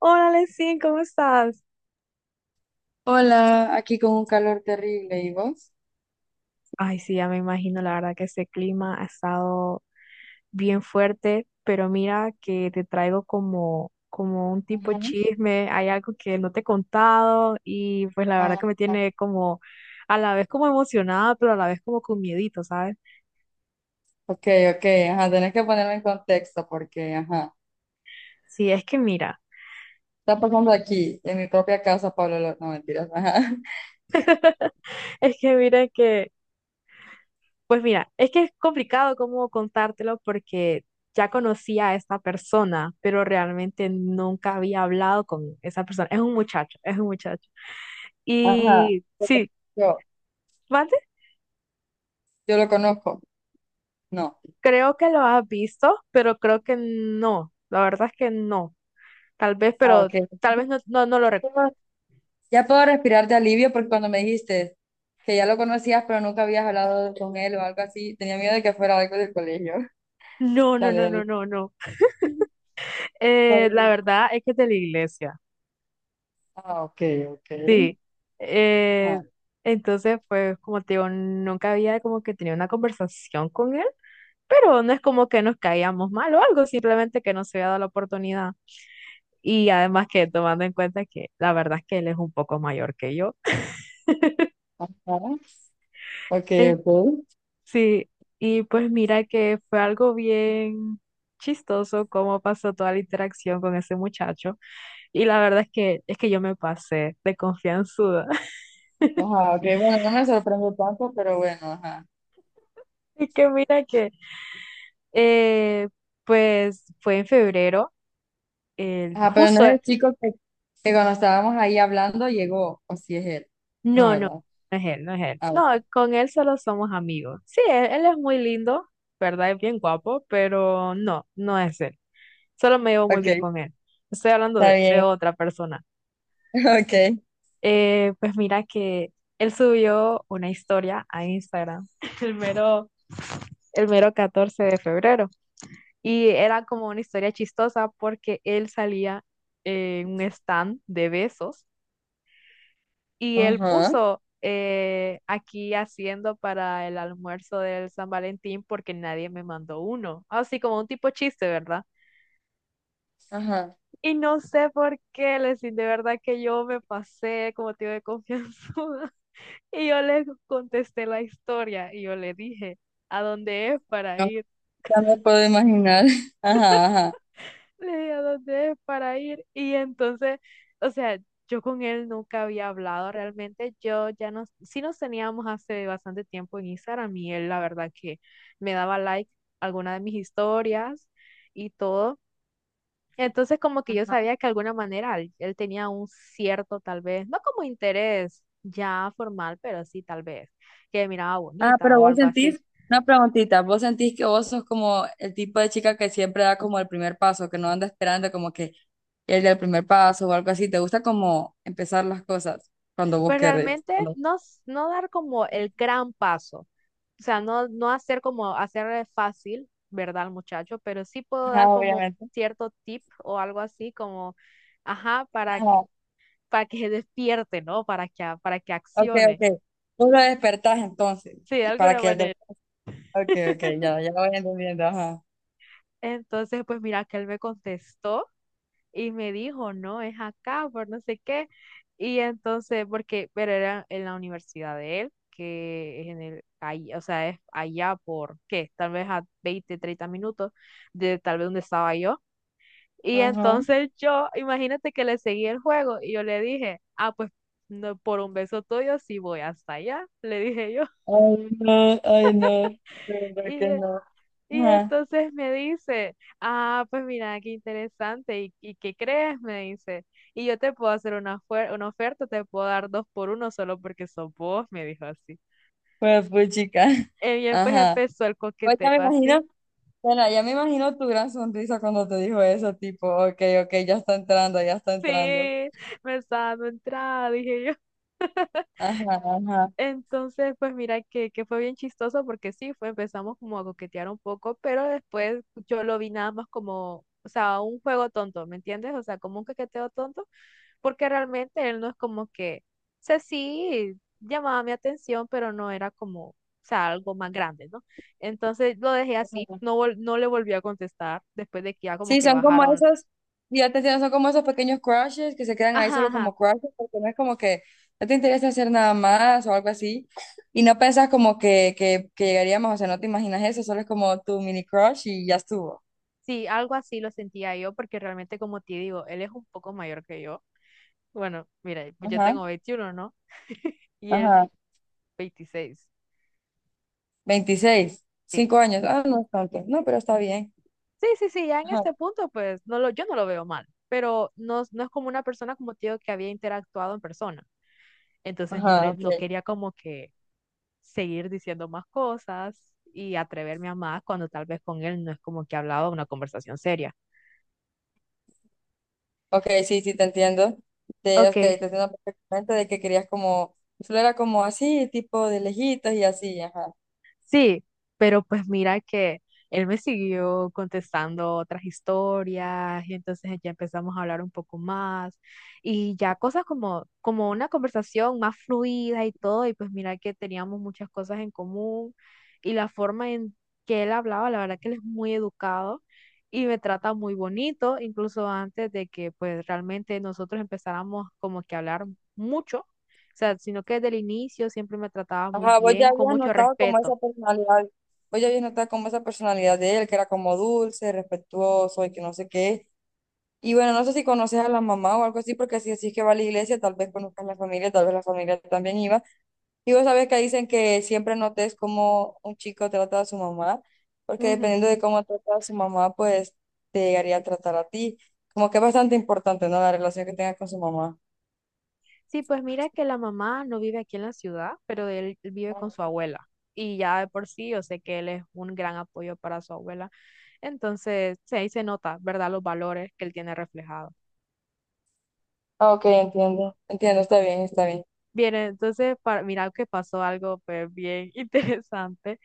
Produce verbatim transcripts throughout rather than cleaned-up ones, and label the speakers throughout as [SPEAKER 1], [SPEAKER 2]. [SPEAKER 1] Hola, Lesin, ¿cómo estás?
[SPEAKER 2] Hola, aquí con un calor terrible, ¿y vos?
[SPEAKER 1] Ay, sí, ya me imagino, la verdad que ese clima ha estado bien fuerte, pero mira que te traigo como, como un tipo
[SPEAKER 2] Ajá.
[SPEAKER 1] chisme, hay algo que no te he contado y pues la verdad que
[SPEAKER 2] Ah,
[SPEAKER 1] me
[SPEAKER 2] ah.
[SPEAKER 1] tiene como a la vez como emocionada, pero a la vez como con miedito, ¿sabes?
[SPEAKER 2] Ok, ok, ajá, tenés que ponerme en contexto porque, ajá,
[SPEAKER 1] Sí, es que mira,
[SPEAKER 2] está pasando aquí, en mi propia casa, Pablo, Lo- no, mentiras, ajá,
[SPEAKER 1] es que mira que Pues mira, es que es complicado cómo contártelo porque ya conocía a esta persona, pero realmente nunca había hablado con esa persona. Es un muchacho, es un muchacho.
[SPEAKER 2] Ajá.
[SPEAKER 1] Y sí,
[SPEAKER 2] yo,
[SPEAKER 1] ¿mande?
[SPEAKER 2] yo lo conozco, no.
[SPEAKER 1] Creo que lo has visto, pero creo que no. La verdad es que no. Tal vez,
[SPEAKER 2] Ah,
[SPEAKER 1] pero
[SPEAKER 2] ok.
[SPEAKER 1] tal vez no, no, no lo recuerdo.
[SPEAKER 2] Ya puedo respirar de alivio porque cuando me dijiste que ya lo conocías pero nunca habías hablado con él o algo así, tenía miedo de que fuera algo del colegio.
[SPEAKER 1] No, no,
[SPEAKER 2] Dale,
[SPEAKER 1] no, no,
[SPEAKER 2] dale.
[SPEAKER 1] no, no.
[SPEAKER 2] Ujú.
[SPEAKER 1] Eh, la verdad es que es de la iglesia.
[SPEAKER 2] Ah, ok, ok,
[SPEAKER 1] Sí, eh,
[SPEAKER 2] ajá.
[SPEAKER 1] entonces pues como te digo, nunca había como que tenido una conversación con él, pero no es como que nos caíamos mal o algo, simplemente que no se había dado la oportunidad. Y además que tomando en cuenta que la verdad es que él es un poco mayor que yo.
[SPEAKER 2] Ajá. Ok,
[SPEAKER 1] Eh,
[SPEAKER 2] ok.
[SPEAKER 1] Sí, y pues mira que fue algo bien chistoso cómo pasó toda la interacción con ese muchacho. Y la verdad es que es que yo me pasé de confianzuda.
[SPEAKER 2] Ajá, ok, bueno, no me sorprende tanto, pero bueno, ajá.
[SPEAKER 1] Y que mira que Eh, pues fue en febrero, el-
[SPEAKER 2] Ajá, pero no
[SPEAKER 1] justo,
[SPEAKER 2] es el chico que, que cuando estábamos ahí hablando llegó, o si es él. No,
[SPEAKER 1] no, no,
[SPEAKER 2] ¿verdad?
[SPEAKER 1] no es él, no es él.
[SPEAKER 2] Ah,
[SPEAKER 1] No,
[SPEAKER 2] ok.
[SPEAKER 1] con él solo somos amigos. Sí, él, él es muy lindo, ¿verdad? Es bien guapo, pero no, no es él. Solo me llevo muy bien
[SPEAKER 2] Ok,
[SPEAKER 1] con él. Estoy hablando
[SPEAKER 2] está
[SPEAKER 1] de, de
[SPEAKER 2] bien.
[SPEAKER 1] otra persona.
[SPEAKER 2] Ok.
[SPEAKER 1] Eh, pues mira que él subió una historia a Instagram el mero, el mero catorce de febrero. Y era como una historia chistosa porque él salía en un stand de besos. Y él
[SPEAKER 2] Ajá,
[SPEAKER 1] puso eh, aquí haciendo para el almuerzo del San Valentín porque nadie me mandó uno. Así como un tipo chiste, ¿verdad?
[SPEAKER 2] ajá.
[SPEAKER 1] Y no sé por qué, lesin, de verdad que yo me pasé como tío de confianzuda. Y yo le contesté la historia y yo le dije, ¿a dónde es para
[SPEAKER 2] No,
[SPEAKER 1] ir?
[SPEAKER 2] ya me puedo imaginar. Ajá, ajá.
[SPEAKER 1] Le di a dónde es para ir. Y entonces, o sea, yo con él nunca había hablado realmente. Yo ya nos, sí nos teníamos hace bastante tiempo en Instagram y él la verdad que me daba like a alguna de mis historias y todo. Entonces como que yo
[SPEAKER 2] Ajá.
[SPEAKER 1] sabía que de alguna manera él, él tenía un cierto tal vez, no como interés ya formal, pero sí tal vez, que me miraba
[SPEAKER 2] Ah,
[SPEAKER 1] bonita
[SPEAKER 2] pero
[SPEAKER 1] o
[SPEAKER 2] vos
[SPEAKER 1] algo así.
[SPEAKER 2] sentís, una preguntita, vos sentís que vos sos como el tipo de chica que siempre da como el primer paso, que no anda esperando como que él dé el primer paso o algo así. ¿Te gusta como empezar las cosas cuando vos
[SPEAKER 1] Pues
[SPEAKER 2] querés?
[SPEAKER 1] realmente
[SPEAKER 2] Cuando...
[SPEAKER 1] no, s- no dar como el gran paso, o sea, no, no hacer como hacer fácil, ¿verdad, al muchacho? Pero sí puedo
[SPEAKER 2] Ajá,
[SPEAKER 1] dar como
[SPEAKER 2] obviamente.
[SPEAKER 1] cierto tip o algo así como, ajá, para que,
[SPEAKER 2] Ah,
[SPEAKER 1] para que se despierte, ¿no? Para que, a- para que
[SPEAKER 2] ok,
[SPEAKER 1] accione,
[SPEAKER 2] ok. Tú lo despertás entonces.
[SPEAKER 1] sí, de
[SPEAKER 2] Y para
[SPEAKER 1] alguna
[SPEAKER 2] que el del...
[SPEAKER 1] manera.
[SPEAKER 2] Ok, ok, ya, ya voy entendiendo. Ajá.
[SPEAKER 1] Entonces, pues mira que él me contestó, y me dijo, no, es acá, por no sé qué. Y entonces, porque, pero era en la universidad de él, que es en el, ahí, o sea, es allá por, ¿qué? Tal vez a veinte treinta minutos de tal vez donde estaba yo. Y
[SPEAKER 2] Ajá.
[SPEAKER 1] entonces yo, imagínate que le seguí el juego y yo le dije, ah, pues no, por un beso tuyo sí voy hasta allá, le dije yo.
[SPEAKER 2] Ay, no, ay, no. De verdad
[SPEAKER 1] y
[SPEAKER 2] que no.
[SPEAKER 1] Y
[SPEAKER 2] Ajá.
[SPEAKER 1] entonces me dice, ah, pues mira, qué interesante, ¿y, y qué crees? Me dice, y yo te puedo hacer una, fuer- una oferta, te puedo dar dos por uno solo porque sos vos, me dijo así.
[SPEAKER 2] Pues, pues, chica.
[SPEAKER 1] Y bien, pues
[SPEAKER 2] Ajá.
[SPEAKER 1] empezó el
[SPEAKER 2] Pues
[SPEAKER 1] coqueteo
[SPEAKER 2] ya me imagino,
[SPEAKER 1] así.
[SPEAKER 2] bueno, ya me imagino tu gran sonrisa cuando te dijo eso, tipo, ok, ok, ya está entrando, ya está
[SPEAKER 1] Sí,
[SPEAKER 2] entrando.
[SPEAKER 1] me estaba dando entrada, dije yo.
[SPEAKER 2] Ajá,
[SPEAKER 1] Entonces, pues mira que, que fue bien chistoso porque sí, fue, empezamos como a coquetear un poco, pero después yo lo vi nada más como, o sea, un juego tonto, ¿me entiendes? O sea, como un coqueteo tonto, porque realmente él no es como que, o sea, sí llamaba mi atención, pero no era como, o sea, algo más grande, ¿no? Entonces lo dejé así,
[SPEAKER 2] ajá.
[SPEAKER 1] no, vol- no le volví a contestar después de que ya como
[SPEAKER 2] Sí,
[SPEAKER 1] que
[SPEAKER 2] son como
[SPEAKER 1] bajaron,
[SPEAKER 2] esos, ya te entiendo, son como esos pequeños crushes que se quedan ahí
[SPEAKER 1] ajá,
[SPEAKER 2] solo
[SPEAKER 1] ajá,
[SPEAKER 2] como crushes, porque no es como que no te interesa hacer nada más o algo así, y no piensas como que, que, que llegaríamos, o sea, no te imaginas eso, solo es como tu mini crush y ya estuvo.
[SPEAKER 1] sí, algo así lo sentía yo, porque realmente como te digo, él es un poco mayor que yo. Bueno, mira, pues yo
[SPEAKER 2] Ajá,
[SPEAKER 1] tengo veintiuno, ¿no? Y él
[SPEAKER 2] ajá.
[SPEAKER 1] veintiséis.
[SPEAKER 2] Veintiséis,
[SPEAKER 1] Sí,
[SPEAKER 2] cinco años, ah, no es tanto, no, pero está bien.
[SPEAKER 1] sí, sí, sí, ya en
[SPEAKER 2] Ajá,
[SPEAKER 1] este punto, pues no lo, yo no lo veo mal, pero no, no es como una persona como tío que había interactuado en persona. Entonces no,
[SPEAKER 2] ajá,
[SPEAKER 1] le,
[SPEAKER 2] ok.
[SPEAKER 1] no quería como que seguir diciendo más cosas y atreverme a más cuando tal vez con él no es como que hablaba una conversación seria.
[SPEAKER 2] Ok, sí, sí, te entiendo. De,
[SPEAKER 1] Ok,
[SPEAKER 2] ok, te entiendo perfectamente de que querías como, solo era como así, tipo de lejitos y así, ajá.
[SPEAKER 1] sí, pero pues mira que él me siguió contestando otras historias y entonces ya empezamos a hablar un poco más y ya cosas como, como una conversación más fluida y todo, y pues mira que teníamos muchas cosas en común, y la forma en que él hablaba, la verdad que él es muy educado y me trata muy bonito, incluso antes de que pues realmente nosotros empezáramos como que a hablar mucho, o sea, sino que desde el inicio siempre me trataba muy
[SPEAKER 2] Ajá, vos ya
[SPEAKER 1] bien, con
[SPEAKER 2] habías
[SPEAKER 1] mucho
[SPEAKER 2] notado como esa
[SPEAKER 1] respeto.
[SPEAKER 2] personalidad, vos ya habías notado como esa personalidad de él, que era como dulce, respetuoso y que no sé qué. Y bueno, no sé si conoces a la mamá o algo así, porque si decís que va a la iglesia, tal vez conozcas la familia, tal vez la familia también iba. Y vos sabés que dicen que siempre notes cómo un chico trata a su mamá, porque
[SPEAKER 1] Ujú.
[SPEAKER 2] dependiendo de cómo trata a su mamá, pues te llegaría a tratar a ti. Como que es bastante importante, ¿no? La relación que tengas con su mamá.
[SPEAKER 1] Sí, pues mira que la mamá no vive aquí en la ciudad, pero él vive con su abuela. Y ya de por sí, yo sé que él es un gran apoyo para su abuela. Entonces, sí, ahí se nota, ¿verdad? Los valores que él tiene reflejados.
[SPEAKER 2] Ah, ok, entiendo. Entiendo, está bien, está bien.
[SPEAKER 1] Bien, entonces, para, mira que pasó algo, pues, bien interesante.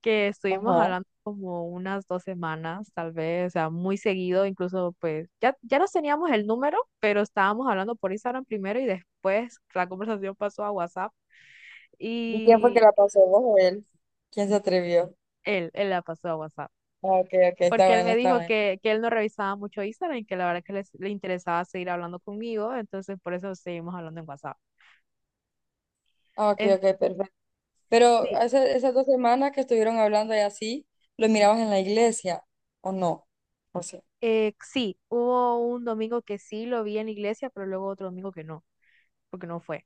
[SPEAKER 1] Que estuvimos
[SPEAKER 2] Ajá.
[SPEAKER 1] hablando como unas dos semanas, tal vez, o sea, muy seguido, incluso pues ya, ya nos teníamos el número, pero estábamos hablando por Instagram primero y después la conversación pasó a WhatsApp
[SPEAKER 2] ¿Y quién fue que
[SPEAKER 1] y
[SPEAKER 2] la pasó? ¿Vos o él? ¿Quién se atrevió?
[SPEAKER 1] él, él la pasó a WhatsApp.
[SPEAKER 2] Ah, ok, ok, está
[SPEAKER 1] Porque él
[SPEAKER 2] bueno,
[SPEAKER 1] me
[SPEAKER 2] está
[SPEAKER 1] dijo
[SPEAKER 2] bueno.
[SPEAKER 1] que, que él no revisaba mucho Instagram y que la verdad que les- le interesaba seguir hablando conmigo, entonces por eso seguimos hablando en WhatsApp.
[SPEAKER 2] Ah, ok,
[SPEAKER 1] En-
[SPEAKER 2] ok, perfecto. Pero
[SPEAKER 1] sí,
[SPEAKER 2] hace- esas dos semanas que estuvieron hablando y así, ¿lo mirabas en la iglesia o no? ¿O sí?
[SPEAKER 1] eh, sí, hubo un domingo que sí lo vi en la iglesia, pero luego otro domingo que no, porque no fue.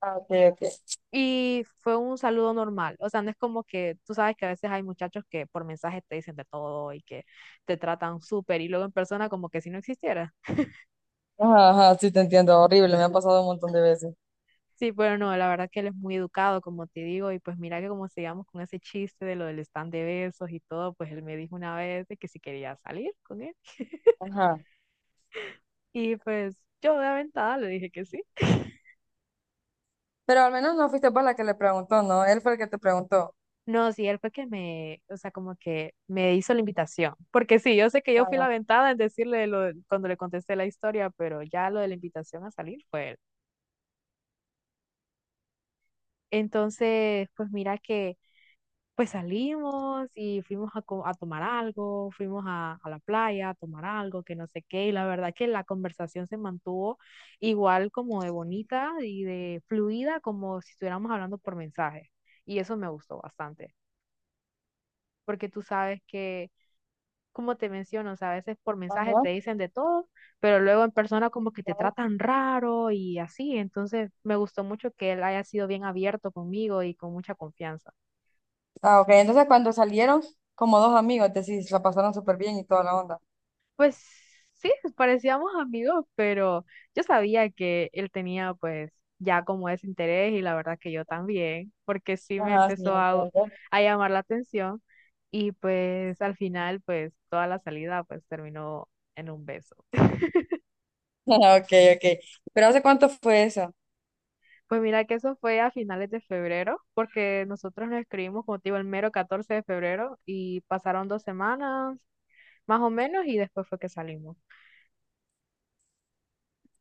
[SPEAKER 2] Ah, ok, ok.
[SPEAKER 1] Y fue un saludo normal. O sea, no es como que tú sabes que a veces hay muchachos que por mensaje te dicen de todo y que te tratan súper y luego en persona como que si no existiera.
[SPEAKER 2] Ajá, ajá, sí te entiendo, horrible, me ha pasado un montón de veces.
[SPEAKER 1] Sí, pero no, la verdad que él es muy educado, como te digo, y pues mira que como sigamos con ese chiste de lo del stand de besos y todo, pues él me dijo una vez de que si quería salir con él.
[SPEAKER 2] Ajá.
[SPEAKER 1] Y pues yo de aventada le dije que sí.
[SPEAKER 2] Pero al menos no fuiste vos la que le preguntó, ¿no? Él fue el que te preguntó.
[SPEAKER 1] No, sí, él fue que me, o sea, como que me hizo la invitación. Porque sí, yo sé que yo
[SPEAKER 2] Ah,
[SPEAKER 1] fui la
[SPEAKER 2] bueno.
[SPEAKER 1] aventada en decirle lo, de- cuando le contesté la historia, pero ya lo de la invitación a salir fue él. Entonces, pues mira que, pues salimos y fuimos a, co- a tomar algo, fuimos a, a la playa a tomar algo, que no sé qué, y la verdad que la conversación se mantuvo igual como de bonita y de fluida, como si estuviéramos hablando por mensaje. Y eso me gustó bastante, porque tú sabes que como te menciono, o sea, a veces por mensaje
[SPEAKER 2] Ajá.
[SPEAKER 1] te dicen de todo, pero luego en persona como que te
[SPEAKER 2] Ya.
[SPEAKER 1] tratan raro y así. Entonces me gustó mucho que él haya sido bien abierto conmigo y con mucha confianza.
[SPEAKER 2] Ah, ok, entonces cuando salieron, como dos amigos, decís, la pasaron súper bien y toda la onda.
[SPEAKER 1] Pues sí, parecíamos amigos, pero yo sabía que él tenía pues ya como ese interés y la verdad que yo también, porque sí me
[SPEAKER 2] Ajá, sí,
[SPEAKER 1] empezó a,
[SPEAKER 2] entiendo.
[SPEAKER 1] a llamar la atención y pues al final pues toda la salida pues terminó en un beso.
[SPEAKER 2] Ah, Ok, ok. ¿Pero hace cuánto fue eso?
[SPEAKER 1] Pues mira que eso fue a finales de febrero, porque nosotros nos escribimos, como te digo, el mero catorce de febrero y pasaron dos semanas más o menos y después fue que salimos.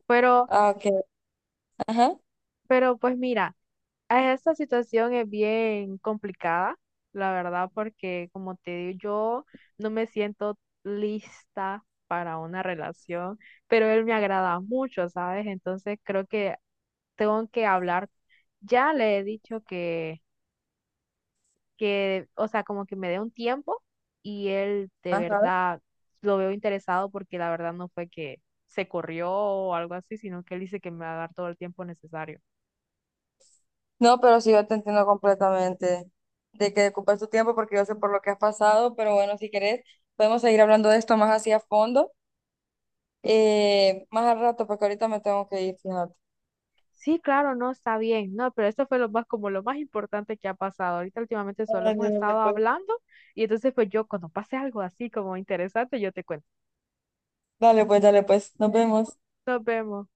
[SPEAKER 1] Pero,
[SPEAKER 2] Ah, ok. Ajá.
[SPEAKER 1] pero pues mira, eh, esta situación es bien complicada, la verdad, porque como te digo, yo no me siento lista para una relación, pero él me agrada mucho, ¿sabes? Entonces creo que tengo que hablar. Ya le he dicho que que, o sea, como que me dé un tiempo y él de
[SPEAKER 2] Ajá.
[SPEAKER 1] verdad lo veo interesado porque la verdad no fue que se corrió o algo así, sino que él dice que me va a dar todo el tiempo necesario.
[SPEAKER 2] No, pero sí, yo te entiendo completamente de que ocupas tu tiempo porque yo sé por lo que has pasado, pero bueno, si querés, podemos seguir hablando de esto más así a fondo, eh, más al rato, porque ahorita me tengo que ir, fíjate.
[SPEAKER 1] Sí, claro, no, está bien, no, pero esto fue lo más, como lo más importante que ha pasado. Ahorita últimamente solo
[SPEAKER 2] Dale,
[SPEAKER 1] hemos
[SPEAKER 2] dale,
[SPEAKER 1] estado
[SPEAKER 2] pues.
[SPEAKER 1] hablando y entonces pues yo cuando pase algo así como interesante, yo te cuento.
[SPEAKER 2] Dale, pues, dale, pues, nos vemos.
[SPEAKER 1] Nos vemos.